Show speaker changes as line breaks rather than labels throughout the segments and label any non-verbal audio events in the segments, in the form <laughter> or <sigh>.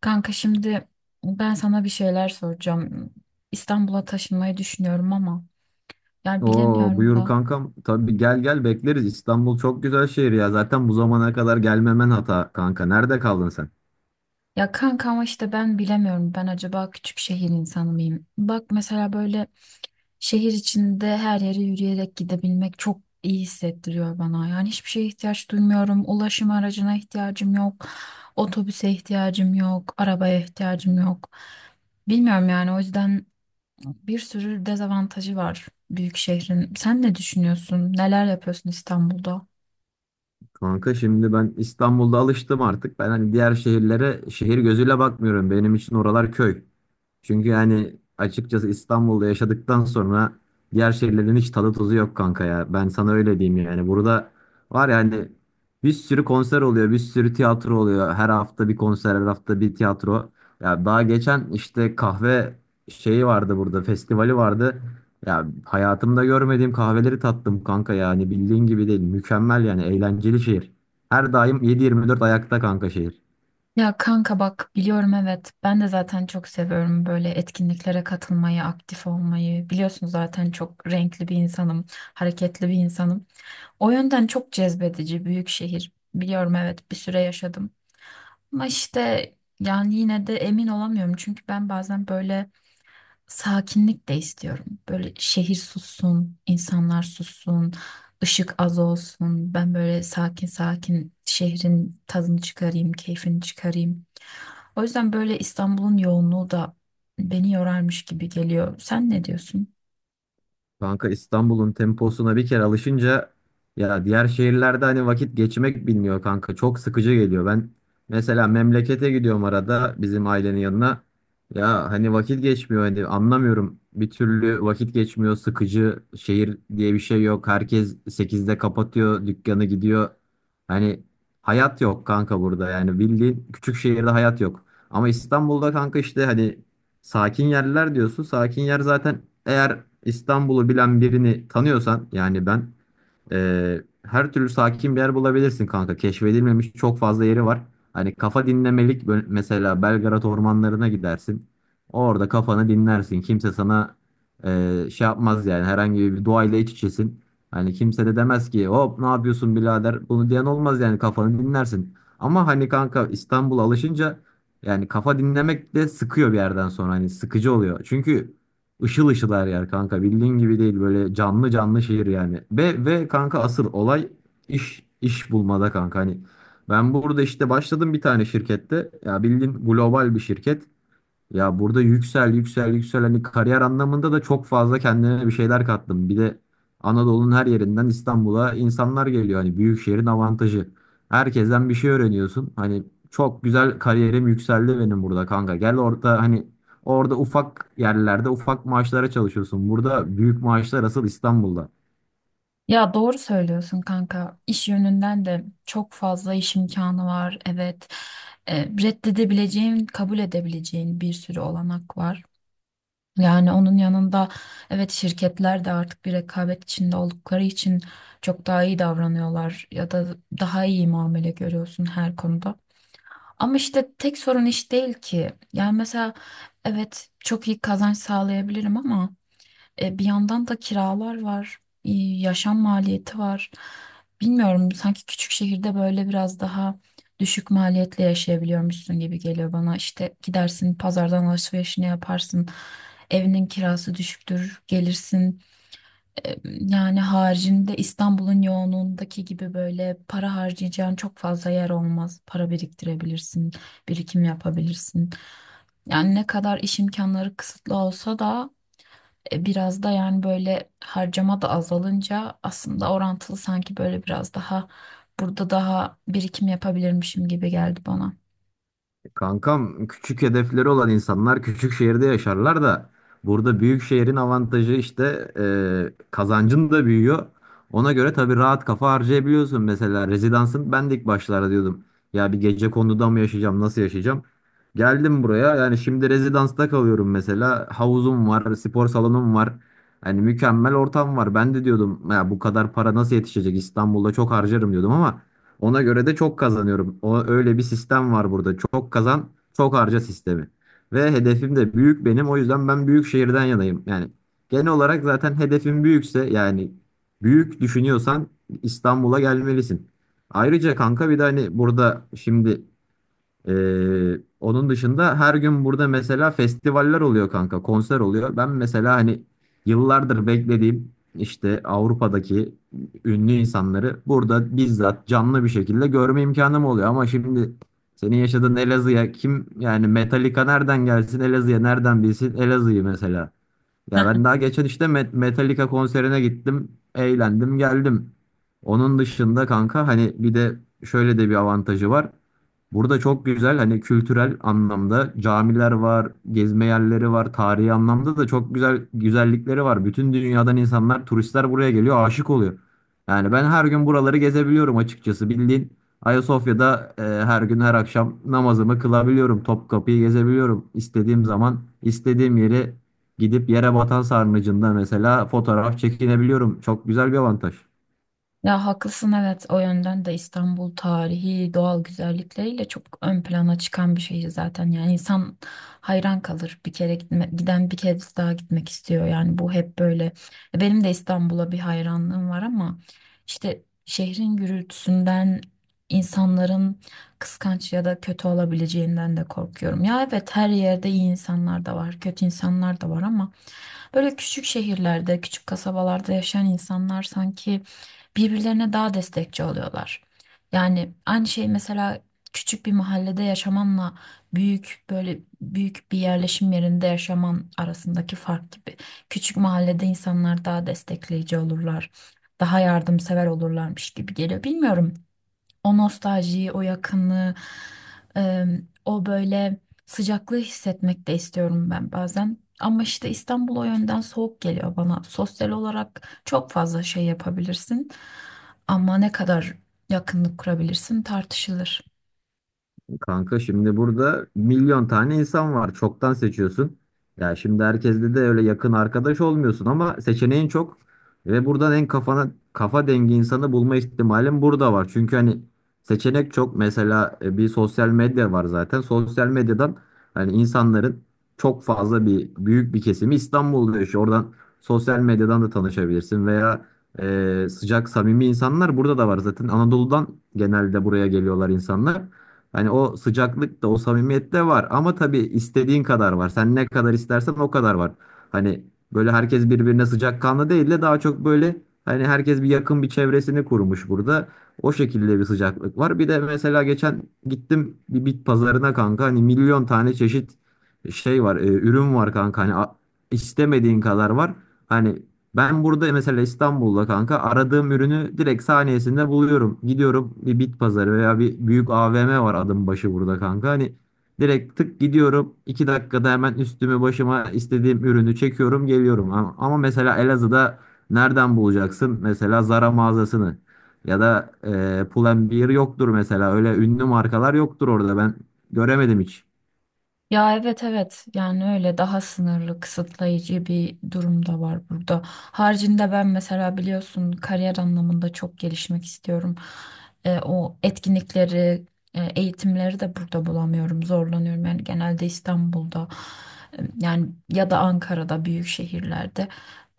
Kanka şimdi ben sana bir şeyler soracağım. İstanbul'a taşınmayı düşünüyorum ama yani
Oo,
bilemiyorum
buyur
da.
kankam. Tabii gel gel bekleriz. İstanbul çok güzel şehir ya. Zaten bu zamana kadar gelmemen hata kanka. Nerede kaldın sen?
Ya kanka ama işte ben bilemiyorum. Ben acaba küçük şehir insanı mıyım? Bak mesela böyle şehir içinde her yere yürüyerek gidebilmek çok iyi hissettiriyor bana. Yani hiçbir şeye ihtiyaç duymuyorum. Ulaşım aracına ihtiyacım yok. Otobüse ihtiyacım yok. Arabaya ihtiyacım yok. Bilmiyorum yani o yüzden. Bir sürü dezavantajı var büyük şehrin. Sen ne düşünüyorsun? Neler yapıyorsun İstanbul'da?
Kanka şimdi ben İstanbul'da alıştım artık. Ben hani diğer şehirlere şehir gözüyle bakmıyorum. Benim için oralar köy. Çünkü yani açıkçası İstanbul'da yaşadıktan sonra diğer şehirlerin hiç tadı tuzu yok kanka ya. Ben sana öyle diyeyim yani. Burada var yani bir sürü konser oluyor, bir sürü tiyatro oluyor. Her hafta bir konser, her hafta bir tiyatro. Ya daha geçen işte kahve şeyi vardı burada, festivali vardı. Ya hayatımda görmediğim kahveleri tattım kanka yani bildiğin gibi değil. Mükemmel yani eğlenceli şehir. Her daim 7-24 ayakta kanka şehir.
Ya kanka bak biliyorum evet ben de zaten çok seviyorum böyle etkinliklere katılmayı, aktif olmayı. Biliyorsun zaten çok renkli bir insanım, hareketli bir insanım. O yönden çok cezbedici büyük şehir. Biliyorum evet bir süre yaşadım. Ama işte yani yine de emin olamıyorum çünkü ben bazen böyle sakinlik de istiyorum. Böyle şehir sussun, insanlar sussun, ışık az olsun. Ben böyle sakin sakin şehrin tadını çıkarayım, keyfini çıkarayım. O yüzden böyle İstanbul'un yoğunluğu da beni yorarmış gibi geliyor. Sen ne diyorsun?
Kanka İstanbul'un temposuna bir kere alışınca ya diğer şehirlerde hani vakit geçmek bilmiyor kanka. Çok sıkıcı geliyor. Ben mesela memlekete gidiyorum arada bizim ailenin yanına. Ya hani vakit geçmiyor hani anlamıyorum. Bir türlü vakit geçmiyor. Sıkıcı şehir diye bir şey yok. Herkes 8'de kapatıyor, dükkanı gidiyor. Hani hayat yok kanka burada. Yani bildiğin küçük şehirde hayat yok. Ama İstanbul'da kanka işte hani sakin yerler diyorsun. Sakin yer zaten eğer İstanbul'u bilen birini tanıyorsan yani ben her türlü sakin bir yer bulabilirsin kanka. Keşfedilmemiş çok fazla yeri var. Hani kafa dinlemelik mesela Belgrad ormanlarına gidersin. Orada kafanı dinlersin. Kimse sana şey yapmaz yani herhangi bir doğayla iç içesin. Hani kimse de demez ki hop ne yapıyorsun birader, bunu diyen olmaz yani kafanı dinlersin. Ama hani kanka İstanbul'a alışınca yani kafa dinlemek de sıkıyor bir yerden sonra hani sıkıcı oluyor. Çünkü Işıl ışıl her yer kanka. Bildiğin gibi değil, böyle canlı canlı şehir yani. Ve kanka asıl olay iş bulmada kanka. Hani ben burada işte başladım bir tane şirkette. Ya bildiğin global bir şirket. Ya burada yüksel yüksel yüksel hani kariyer anlamında da çok fazla kendime bir şeyler kattım. Bir de Anadolu'nun her yerinden İstanbul'a insanlar geliyor. Hani büyük şehrin avantajı. Herkesten bir şey öğreniyorsun. Hani çok güzel kariyerim yükseldi benim burada kanka. Gel orada hani orada ufak yerlerde ufak maaşlara çalışıyorsun. Burada büyük maaşlar asıl İstanbul'da.
Ya doğru söylüyorsun kanka. İş yönünden de çok fazla iş imkanı var. Evet. E, reddedebileceğin, kabul edebileceğin bir sürü olanak var. Yani onun yanında evet şirketler de artık bir rekabet içinde oldukları için çok daha iyi davranıyorlar ya da daha iyi muamele görüyorsun her konuda. Ama işte tek sorun iş değil ki. Yani mesela evet çok iyi kazanç sağlayabilirim ama bir yandan da kiralar var, yaşam maliyeti var. Bilmiyorum, sanki küçük şehirde böyle biraz daha düşük maliyetle yaşayabiliyormuşsun gibi geliyor bana. İşte gidersin pazardan alışverişini yaparsın. Evinin kirası düşüktür, gelirsin. E, yani haricinde İstanbul'un yoğunluğundaki gibi böyle para harcayacağın çok fazla yer olmaz. Para biriktirebilirsin, birikim yapabilirsin. Yani ne kadar iş imkanları kısıtlı olsa da biraz da yani böyle harcama da azalınca aslında orantılı sanki böyle biraz daha burada daha birikim yapabilirmişim gibi geldi bana.
E, kankam, küçük hedefleri olan insanlar küçük şehirde yaşarlar da burada büyük şehrin avantajı işte kazancın da büyüyor. Ona göre tabii rahat kafa harcayabiliyorsun. Mesela rezidansın, ben de ilk başlarda diyordum ya bir gece konduda mı yaşayacağım, nasıl yaşayacağım. Geldim buraya, yani şimdi rezidansta kalıyorum mesela, havuzum var, spor salonum var. Hani mükemmel ortam var. Ben de diyordum ya bu kadar para nasıl yetişecek, İstanbul'da çok harcarım diyordum ama ona göre de çok kazanıyorum. O, öyle bir sistem var burada. Çok kazan, çok harca sistemi. Ve hedefim de büyük benim. O yüzden ben büyük şehirden yanayım. Yani genel olarak zaten hedefim büyükse yani büyük düşünüyorsan İstanbul'a gelmelisin. Ayrıca kanka bir de hani burada şimdi onun dışında her gün burada mesela festivaller oluyor kanka, konser oluyor. Ben mesela hani yıllardır beklediğim işte Avrupa'daki ünlü insanları burada bizzat canlı bir şekilde görme imkanım oluyor. Ama şimdi senin yaşadığın Elazığ'a kim yani, Metallica nereden gelsin, Elazığ'a nereden bilsin Elazığ'ı mesela. Ya
<laughs>
ben daha geçen işte Metallica konserine gittim. Eğlendim geldim. Onun dışında kanka hani bir de şöyle de bir avantajı var. Burada çok güzel hani kültürel anlamda camiler var, gezme yerleri var, tarihi anlamda da çok güzel güzellikleri var. Bütün dünyadan insanlar, turistler buraya geliyor, aşık oluyor. Yani ben her gün buraları gezebiliyorum açıkçası. Bildiğin Ayasofya'da her gün her akşam namazımı kılabiliyorum. Topkapı'yı gezebiliyorum. İstediğim zaman, istediğim yeri gidip yere batan sarnıcında mesela fotoğraf çekinebiliyorum. Çok güzel bir avantaj.
Ya haklısın evet o yönden de İstanbul tarihi doğal güzellikleriyle çok ön plana çıkan bir şehir zaten yani insan hayran kalır bir kere giden bir kez daha gitmek istiyor yani bu hep böyle benim de İstanbul'a bir hayranlığım var ama işte şehrin gürültüsünden insanların kıskanç ya da kötü olabileceğinden de korkuyorum ya evet her yerde iyi insanlar da var kötü insanlar da var ama böyle küçük şehirlerde, küçük kasabalarda yaşayan insanlar sanki birbirlerine daha destekçi oluyorlar. Yani aynı şey mesela küçük bir mahallede yaşamanla büyük böyle büyük bir yerleşim yerinde yaşaman arasındaki fark gibi. Küçük mahallede insanlar daha destekleyici olurlar, daha yardımsever olurlarmış gibi geliyor. Bilmiyorum. O nostaljiyi, o yakınlığı, e, o böyle sıcaklığı hissetmek de istiyorum ben bazen. Ama işte İstanbul o yönden soğuk geliyor bana. Sosyal olarak çok fazla şey yapabilirsin. Ama ne kadar yakınlık kurabilirsin tartışılır.
Kanka şimdi burada milyon tane insan var. Çoktan seçiyorsun. Ya şimdi herkesle de öyle yakın arkadaş olmuyorsun ama seçeneğin çok. Ve buradan en kafana kafa dengi insanı bulma ihtimalin burada var. Çünkü hani seçenek çok. Mesela bir sosyal medya var zaten. Sosyal medyadan hani insanların çok fazla bir büyük bir kesimi İstanbul'da yaşıyor. Oradan sosyal medyadan da tanışabilirsin veya sıcak samimi insanlar burada da var zaten. Anadolu'dan genelde buraya geliyorlar insanlar. Hani o sıcaklık da o samimiyet de var ama tabii istediğin kadar var. Sen ne kadar istersen o kadar var. Hani böyle herkes birbirine sıcakkanlı değil de daha çok böyle hani herkes bir yakın bir çevresini kurmuş burada. O şekilde bir sıcaklık var. Bir de mesela geçen gittim bir bit pazarına kanka, hani milyon tane çeşit şey var, ürün var kanka, hani istemediğin kadar var. Hani ben burada mesela İstanbul'da kanka aradığım ürünü direkt saniyesinde buluyorum. Gidiyorum, bir bit pazarı veya bir büyük AVM var adım başı burada kanka. Hani direkt tık gidiyorum, 2 dakikada hemen üstümü başıma istediğim ürünü çekiyorum geliyorum. Ama mesela Elazığ'da nereden bulacaksın? Mesela Zara mağazasını ya da Pull&Bear yoktur mesela. Öyle ünlü markalar yoktur orada, ben göremedim hiç.
Ya evet evet yani öyle daha sınırlı kısıtlayıcı bir durum da var burada. Haricinde ben mesela biliyorsun kariyer anlamında çok gelişmek istiyorum. E, o etkinlikleri, eğitimleri de burada bulamıyorum, zorlanıyorum. Yani genelde İstanbul'da yani ya da Ankara'da büyük şehirlerde.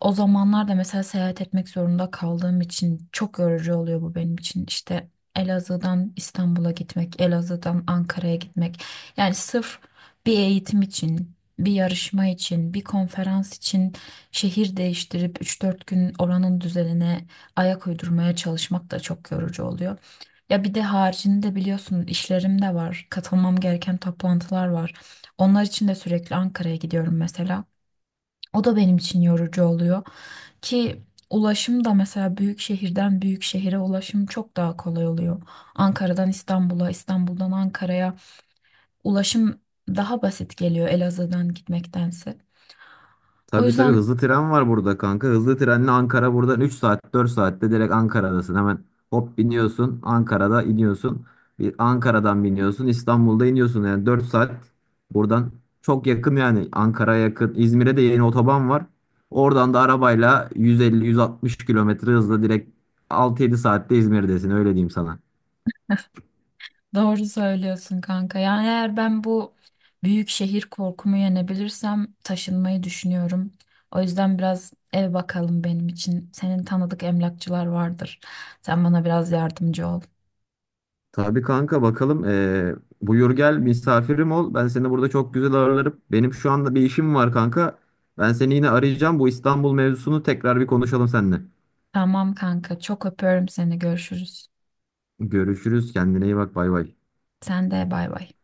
O zamanlarda mesela seyahat etmek zorunda kaldığım için çok yorucu oluyor bu benim için. İşte Elazığ'dan İstanbul'a gitmek, Elazığ'dan Ankara'ya gitmek. Yani sırf bir eğitim için, bir yarışma için, bir konferans için şehir değiştirip 3 4 gün oranın düzenine ayak uydurmaya çalışmak da çok yorucu oluyor. Ya bir de haricinde biliyorsun işlerim de var. Katılmam gereken toplantılar var. Onlar için de sürekli Ankara'ya gidiyorum mesela. O da benim için yorucu oluyor ki ulaşım da mesela büyük şehirden büyük şehire ulaşım çok daha kolay oluyor. Ankara'dan İstanbul'a, İstanbul'dan Ankara'ya ulaşım daha basit geliyor Elazığ'dan gitmektense. O
Tabii tabii,
yüzden
hızlı tren var burada kanka. Hızlı trenle Ankara, buradan 3-4 saatte direkt Ankara'dasın. Hemen hop biniyorsun, Ankara'da iniyorsun. Bir Ankara'dan biniyorsun, İstanbul'da iniyorsun. Yani 4 saat buradan, çok yakın yani Ankara'ya yakın. İzmir'e de yeni otoban var. Oradan da arabayla 150-160 kilometre hızla direkt 6-7 saatte İzmir'desin, öyle diyeyim sana.
doğru söylüyorsun kanka. Yani eğer ben bu büyük şehir korkumu yenebilirsem taşınmayı düşünüyorum. O yüzden biraz ev bakalım benim için. Senin tanıdık emlakçılar vardır. Sen bana biraz yardımcı ol.
Tabii kanka, bakalım. Buyur gel misafirim ol. Ben seni burada çok güzel ağırlarım. Benim şu anda bir işim var kanka. Ben seni yine arayacağım. Bu İstanbul mevzusunu tekrar bir konuşalım seninle.
Tamam kanka, çok öpüyorum seni. Görüşürüz.
Görüşürüz. Kendine iyi bak. Bay bay.
Sen de bay bay.